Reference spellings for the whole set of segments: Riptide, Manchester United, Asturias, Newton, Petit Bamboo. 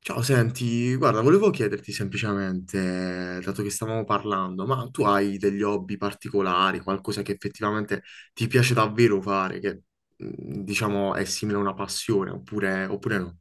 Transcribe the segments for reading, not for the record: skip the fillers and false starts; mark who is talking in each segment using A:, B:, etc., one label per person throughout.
A: Ciao, senti, guarda, volevo chiederti semplicemente, dato che stavamo parlando, ma tu hai degli hobby particolari, qualcosa che effettivamente ti piace davvero fare, che diciamo è simile a una passione, oppure, oppure no?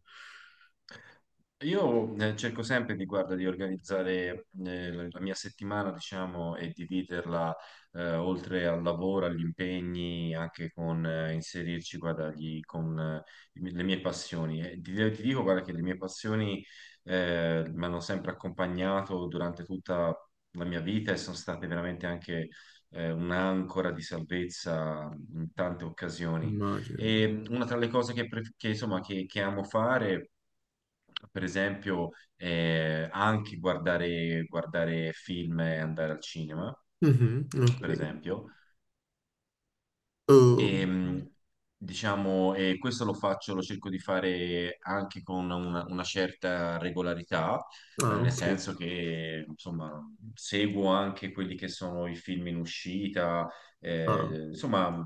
B: Io cerco sempre di, guarda, di organizzare la mia settimana, diciamo, e dividerla oltre al lavoro, agli impegni, anche con inserirci, guarda, le mie passioni. E ti dico, guarda, che le mie passioni mi hanno sempre accompagnato durante tutta la mia vita e sono state veramente anche un'ancora di salvezza in tante occasioni.
A: Immagino.
B: E una tra le cose che, insomma, che amo fare, per esempio, anche guardare film e andare al cinema,
A: Mhm, ok.
B: per esempio.
A: Oh,
B: E, diciamo, e questo lo faccio, lo cerco di fare anche con una certa regolarità,
A: ah,
B: nel
A: ok.
B: senso che, insomma, seguo anche quelli che sono i film in uscita,
A: Ah.
B: insomma,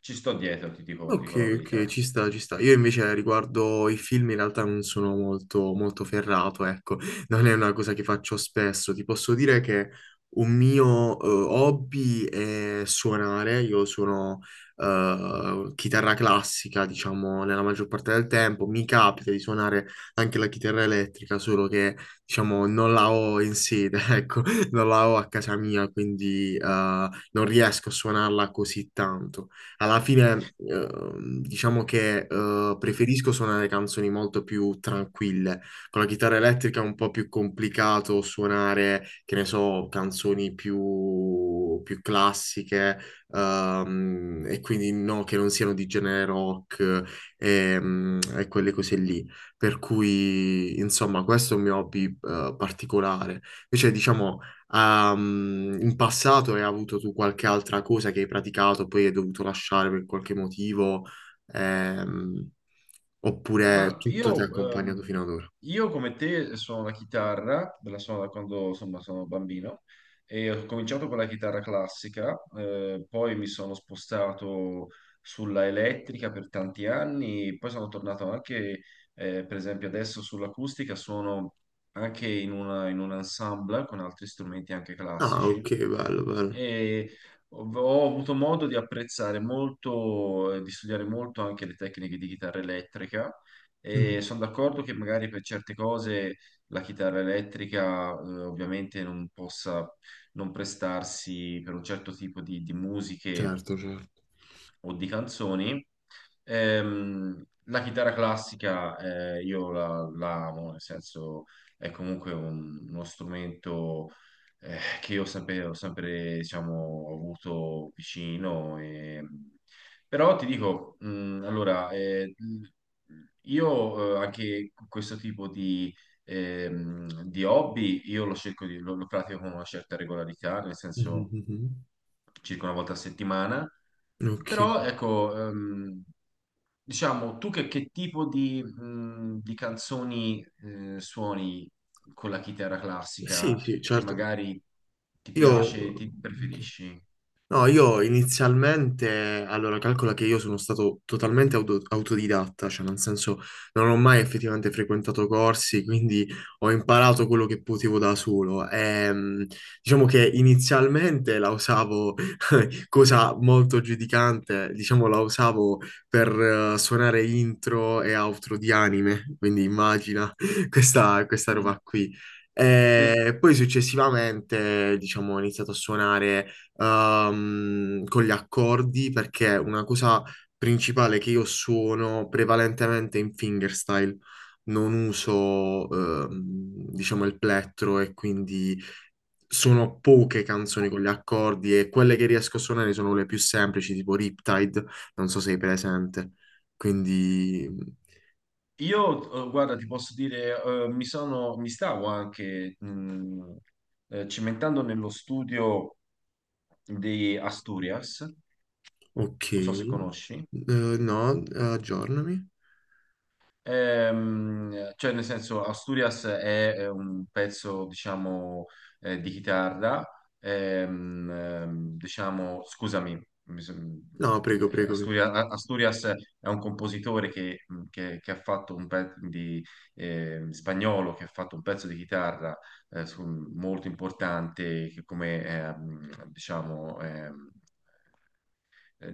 B: ci sto dietro, ti dico, ti
A: Ok,
B: dico la
A: ok,
B: verità.
A: ci sta, ci sta. Io invece riguardo i film in realtà non sono molto, molto ferrato, ecco, non è una cosa che faccio spesso. Ti posso dire che un mio hobby è suonare, io suono chitarra classica, diciamo, nella maggior parte del tempo. Mi capita di suonare anche la chitarra elettrica, solo che, diciamo, non la ho in sede, ecco, non la ho a casa mia, quindi non riesco a suonarla così tanto. Alla fine, diciamo che preferisco suonare canzoni molto più tranquille. Con la chitarra elettrica è un po' più complicato suonare, che ne so, canzoni più, più classiche, e quindi no, che non siano di genere rock e, quelle cose lì. Per cui, insomma, questo è un mio hobby particolare. Invece, diciamo. Ah, in passato hai avuto tu qualche altra cosa che hai praticato, poi hai dovuto lasciare per qualche motivo, ehm, oppure
B: Ma
A: tutto ti ha accompagnato
B: ehm,
A: fino ad ora?
B: io come te suono la chitarra, la suono da quando, insomma, sono bambino e ho cominciato con la chitarra classica, poi mi sono spostato sulla elettrica per tanti anni, poi sono tornato anche, per esempio adesso, sull'acustica, suono anche in un ensemble con altri strumenti anche
A: Ah,
B: classici
A: ok, bello, bello.
B: e ho avuto modo di apprezzare molto, di studiare molto anche le tecniche di chitarra elettrica e
A: Mm,
B: sono d'accordo che magari, per certe cose, la chitarra elettrica ovviamente non possa non prestarsi per un certo tipo di musiche
A: certo, certo.
B: o di canzoni. La chitarra classica, io la amo, nel senso è comunque uno strumento che io ho sempre, diciamo, avuto vicino. Però ti dico, allora, io anche questo tipo di hobby, io lo cerco lo pratico con una certa regolarità, nel
A: Mhm,
B: senso
A: mhm,
B: circa una volta a settimana.
A: mhm.
B: Però
A: Ok.
B: ecco, diciamo, tu che tipo di canzoni suoni con la chitarra
A: Sì,
B: classica
A: sì,
B: che
A: certo.
B: magari ti
A: Io...
B: piace,
A: ok.
B: ti preferisci?
A: No, io inizialmente, allora calcola che io sono stato totalmente autodidatta, cioè nel senso non ho mai effettivamente frequentato corsi, quindi ho imparato quello che potevo da solo. Diciamo che inizialmente la usavo cosa molto giudicante, diciamo la usavo per suonare intro e outro di anime, quindi immagina questa
B: Mm.
A: roba qui.
B: Sì.
A: E poi successivamente, diciamo, ho iniziato a suonare con gli accordi perché una cosa principale che io suono prevalentemente in fingerstyle, non uso, diciamo, il plettro e quindi sono poche canzoni con gli accordi e quelle che riesco a suonare sono le più semplici, tipo Riptide, non so se sei presente. Quindi,
B: Io, guarda, ti posso dire, mi stavo anche cimentando nello studio di Asturias,
A: ok.
B: non so se conosci.
A: No, aggiornami.
B: Cioè, nel senso, Asturias è, un pezzo, diciamo, di chitarra, diciamo, scusami, mi son-
A: No, prego, prego, prego.
B: Asturia- A- Asturias è un compositore che ha fatto un pezzo di, spagnolo, che ha fatto un pezzo di chitarra eh, su- molto importante, che come, diciamo, eh,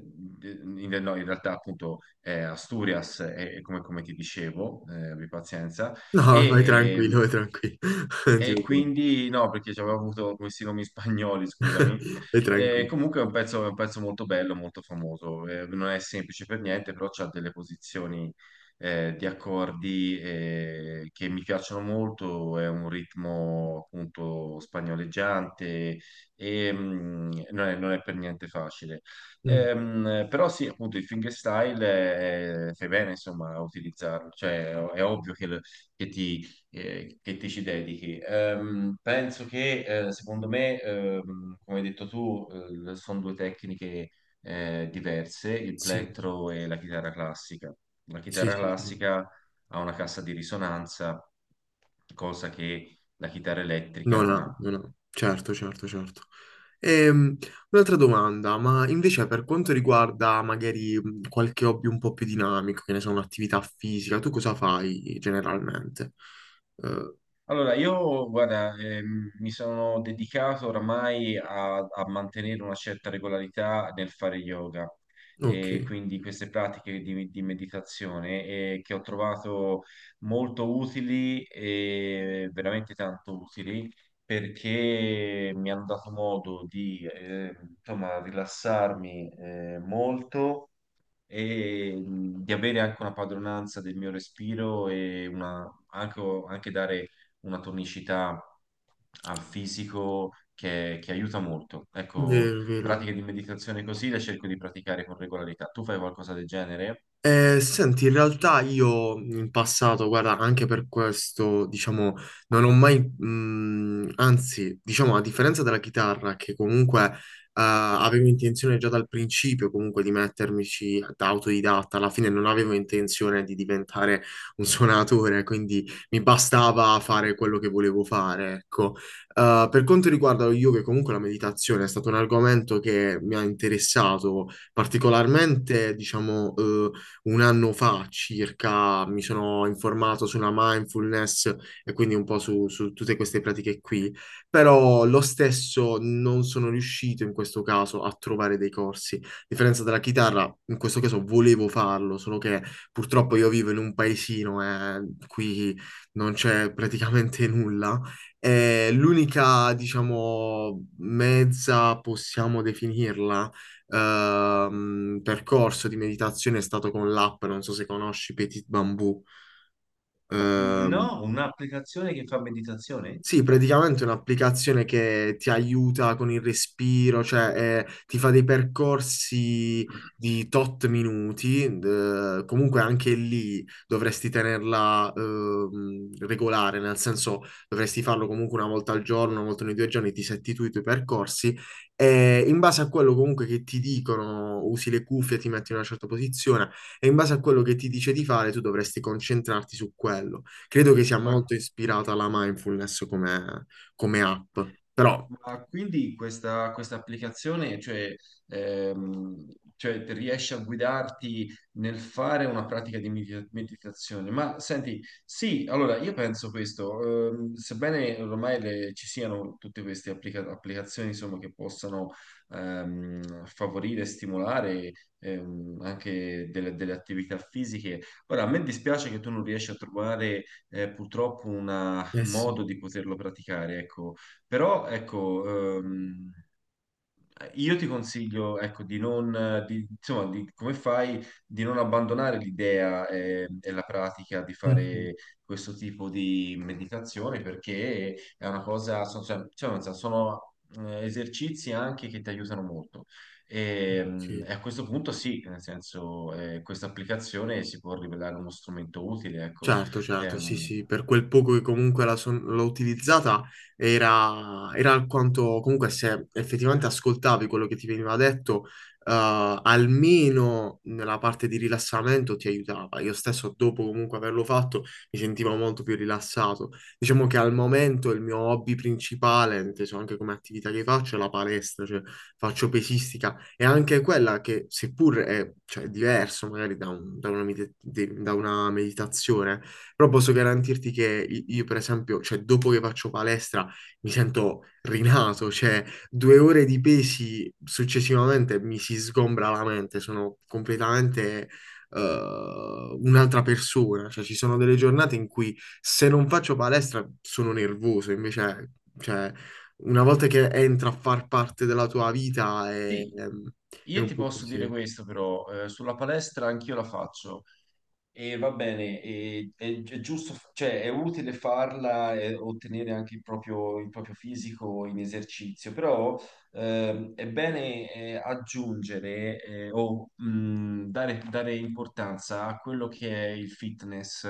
B: no, in realtà appunto è Asturias, è come, come ti dicevo, abbi pazienza,
A: No, vai
B: e,
A: tranquillo,
B: ehm,
A: vai tranquillo. Non ti
B: e
A: preoccupare.
B: quindi no, perché ci avevo avuto questi nomi spagnoli, scusami.
A: Vai
B: E
A: tranquillo.
B: comunque è un pezzo, molto bello, molto famoso. Non è semplice per niente, però c'ha delle posizioni di accordi che mi piacciono molto. È un ritmo appunto spagnoleggiante e non è per niente facile.
A: Mm,
B: Però sì, appunto il fingerstyle, fai bene, insomma, a utilizzarlo. Cioè, è ovvio che, che ti che ti ci dedichi. Penso che, secondo me, come hai detto tu, sono due tecniche diverse, il
A: sì,
B: plettro e la chitarra classica. La
A: sì,
B: chitarra
A: sì, sì.
B: classica ha una cassa di risonanza, cosa che la chitarra elettrica
A: No,
B: non
A: no, no,
B: ha.
A: no. Certo, certo, certo. Ehm, Un'altra domanda, ma invece per quanto riguarda magari qualche hobby un po' più dinamico, che ne so, un'attività fisica, tu cosa fai generalmente? Eh,
B: Allora, io, guarda, mi sono dedicato oramai a mantenere una certa regolarità nel fare yoga
A: ok,
B: e quindi queste pratiche di meditazione che ho trovato molto utili, e veramente tanto utili, perché mi hanno dato modo di, insomma, rilassarmi molto e di avere anche una padronanza del mio respiro e anche dare una tonicità al fisico che aiuta molto. Ecco,
A: vero, vero.
B: pratiche di meditazione così le cerco di praticare con regolarità. Tu fai qualcosa del genere?
A: Senti, in realtà io in passato, guarda, anche per questo, diciamo, non ho mai, anzi, diciamo, a differenza della chitarra, che comunque avevo intenzione già dal principio comunque di mettermici da autodidatta, alla fine non avevo intenzione di diventare un suonatore, quindi mi bastava fare quello che volevo fare, ecco. Per quanto riguarda lo yoga, comunque la meditazione è stato un argomento che mi ha interessato particolarmente, diciamo, un anno fa circa mi sono informato sulla mindfulness e quindi un po' su, su tutte queste pratiche qui, però lo stesso non sono riuscito in questo caso a trovare dei corsi. A differenza della chitarra, in questo caso volevo farlo, solo che purtroppo io vivo in un paesino e qui non c'è praticamente nulla. L'unica, diciamo, mezza possiamo definirla percorso di meditazione è stato con l'app, non so se conosci Petit Bamboo. No.
B: No, un'applicazione che fa meditazione?
A: Sì, praticamente è un'applicazione che ti aiuta con il respiro, cioè ti fa dei percorsi di tot minuti, comunque anche lì dovresti tenerla regolare, nel senso dovresti farlo comunque una volta al giorno, una volta ogni due giorni, ti setti tu i tuoi percorsi e in base a quello comunque che ti dicono, usi le cuffie, ti metti in una certa posizione e in base a quello che ti dice di fare tu dovresti concentrarti su quello. Credo che sia
B: Ma
A: molto ispirata alla mindfulness come, come app, però...
B: Ma quindi questa applicazione, cioè, ehm, cioè, ti riesce a guidarti nel fare una pratica di meditazione? Ma senti, sì, allora io penso questo, sebbene ormai ci siano tutte queste applicazioni, insomma, che possano favorire e stimolare anche delle attività fisiche, ora a me dispiace che tu non riesci a trovare purtroppo
A: Eh
B: un
A: sì.
B: modo di poterlo praticare, ecco. Però ecco, ehm, io ti consiglio, ecco, di non, di- insomma, come fai, di non abbandonare l'idea e la pratica di
A: Mhm.
B: fare questo tipo di meditazione, perché è una cosa, cioè, nel senso, sono, esercizi anche che ti aiutano molto. E, mm,
A: Ok.
B: e a questo punto sì, nel senso, questa applicazione si può rivelare uno strumento utile, ecco.
A: Certo, certo, sì, sì,
B: Ehm,
A: per quel poco che comunque la l'ho utilizzata era, era alquanto, comunque se effettivamente ascoltavi quello che ti veniva detto, almeno nella parte di rilassamento ti aiutava. Io stesso dopo comunque averlo fatto mi sentivo molto più rilassato. Diciamo che al momento il mio hobby principale, inteso anche come attività che faccio, è la palestra, cioè faccio pesistica è anche quella che, seppur è, cioè, è diverso magari da, da una da una meditazione, però posso garantirti che io, per esempio, cioè, dopo che faccio palestra mi sento rinato, cioè due ore di pesi successivamente mi si sgombra la mente, sono completamente... un'altra persona, cioè ci sono delle giornate in cui se non faccio palestra sono nervoso, invece cioè, una volta che entra a far parte della tua vita
B: sì.
A: è
B: Io
A: un
B: ti
A: po'
B: posso dire
A: così.
B: questo però, sulla palestra anch'io la faccio e va bene, è giusto, cioè è utile farla e ottenere anche il proprio fisico in esercizio, però è bene aggiungere, o dare importanza a quello che è il fitness,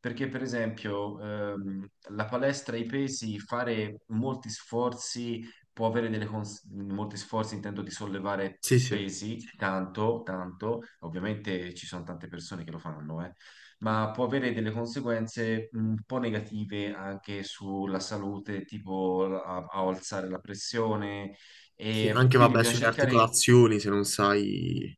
B: perché per esempio la palestra, i pesi, fare molti sforzi può avere delle molti sforzi, intendo di sollevare
A: Sì, sì.
B: pesi, tanto, tanto, ovviamente ci sono tante persone che lo fanno, ma può avere delle conseguenze un po' negative anche sulla salute, tipo a alzare la pressione,
A: Sì,
B: e
A: anche
B: quindi
A: vabbè
B: bisogna
A: sulle
B: cercare.
A: articolazioni se non sai,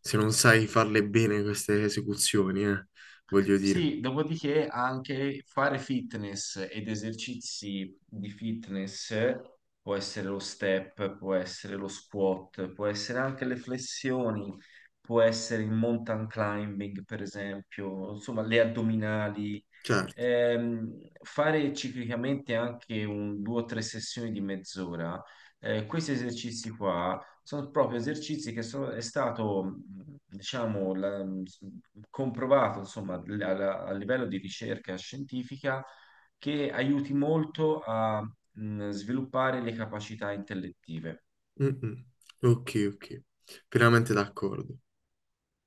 A: se non sai farle bene queste esecuzioni, voglio dire.
B: Sì, dopodiché anche fare fitness ed esercizi di fitness può essere lo step, può essere lo squat, può essere anche le flessioni, può essere il mountain climbing, per esempio, insomma, le addominali.
A: Certo.
B: Ehm, fare ciclicamente anche un, due o tre sessioni di mezz'ora. Questi esercizi qua sono proprio esercizi che sono, è stato, diciamo, comprovato, insomma, a livello di ricerca scientifica, che aiuti molto a sviluppare le capacità intellettive.
A: Mm, mm. Ok, ok. Pienamente d'accordo.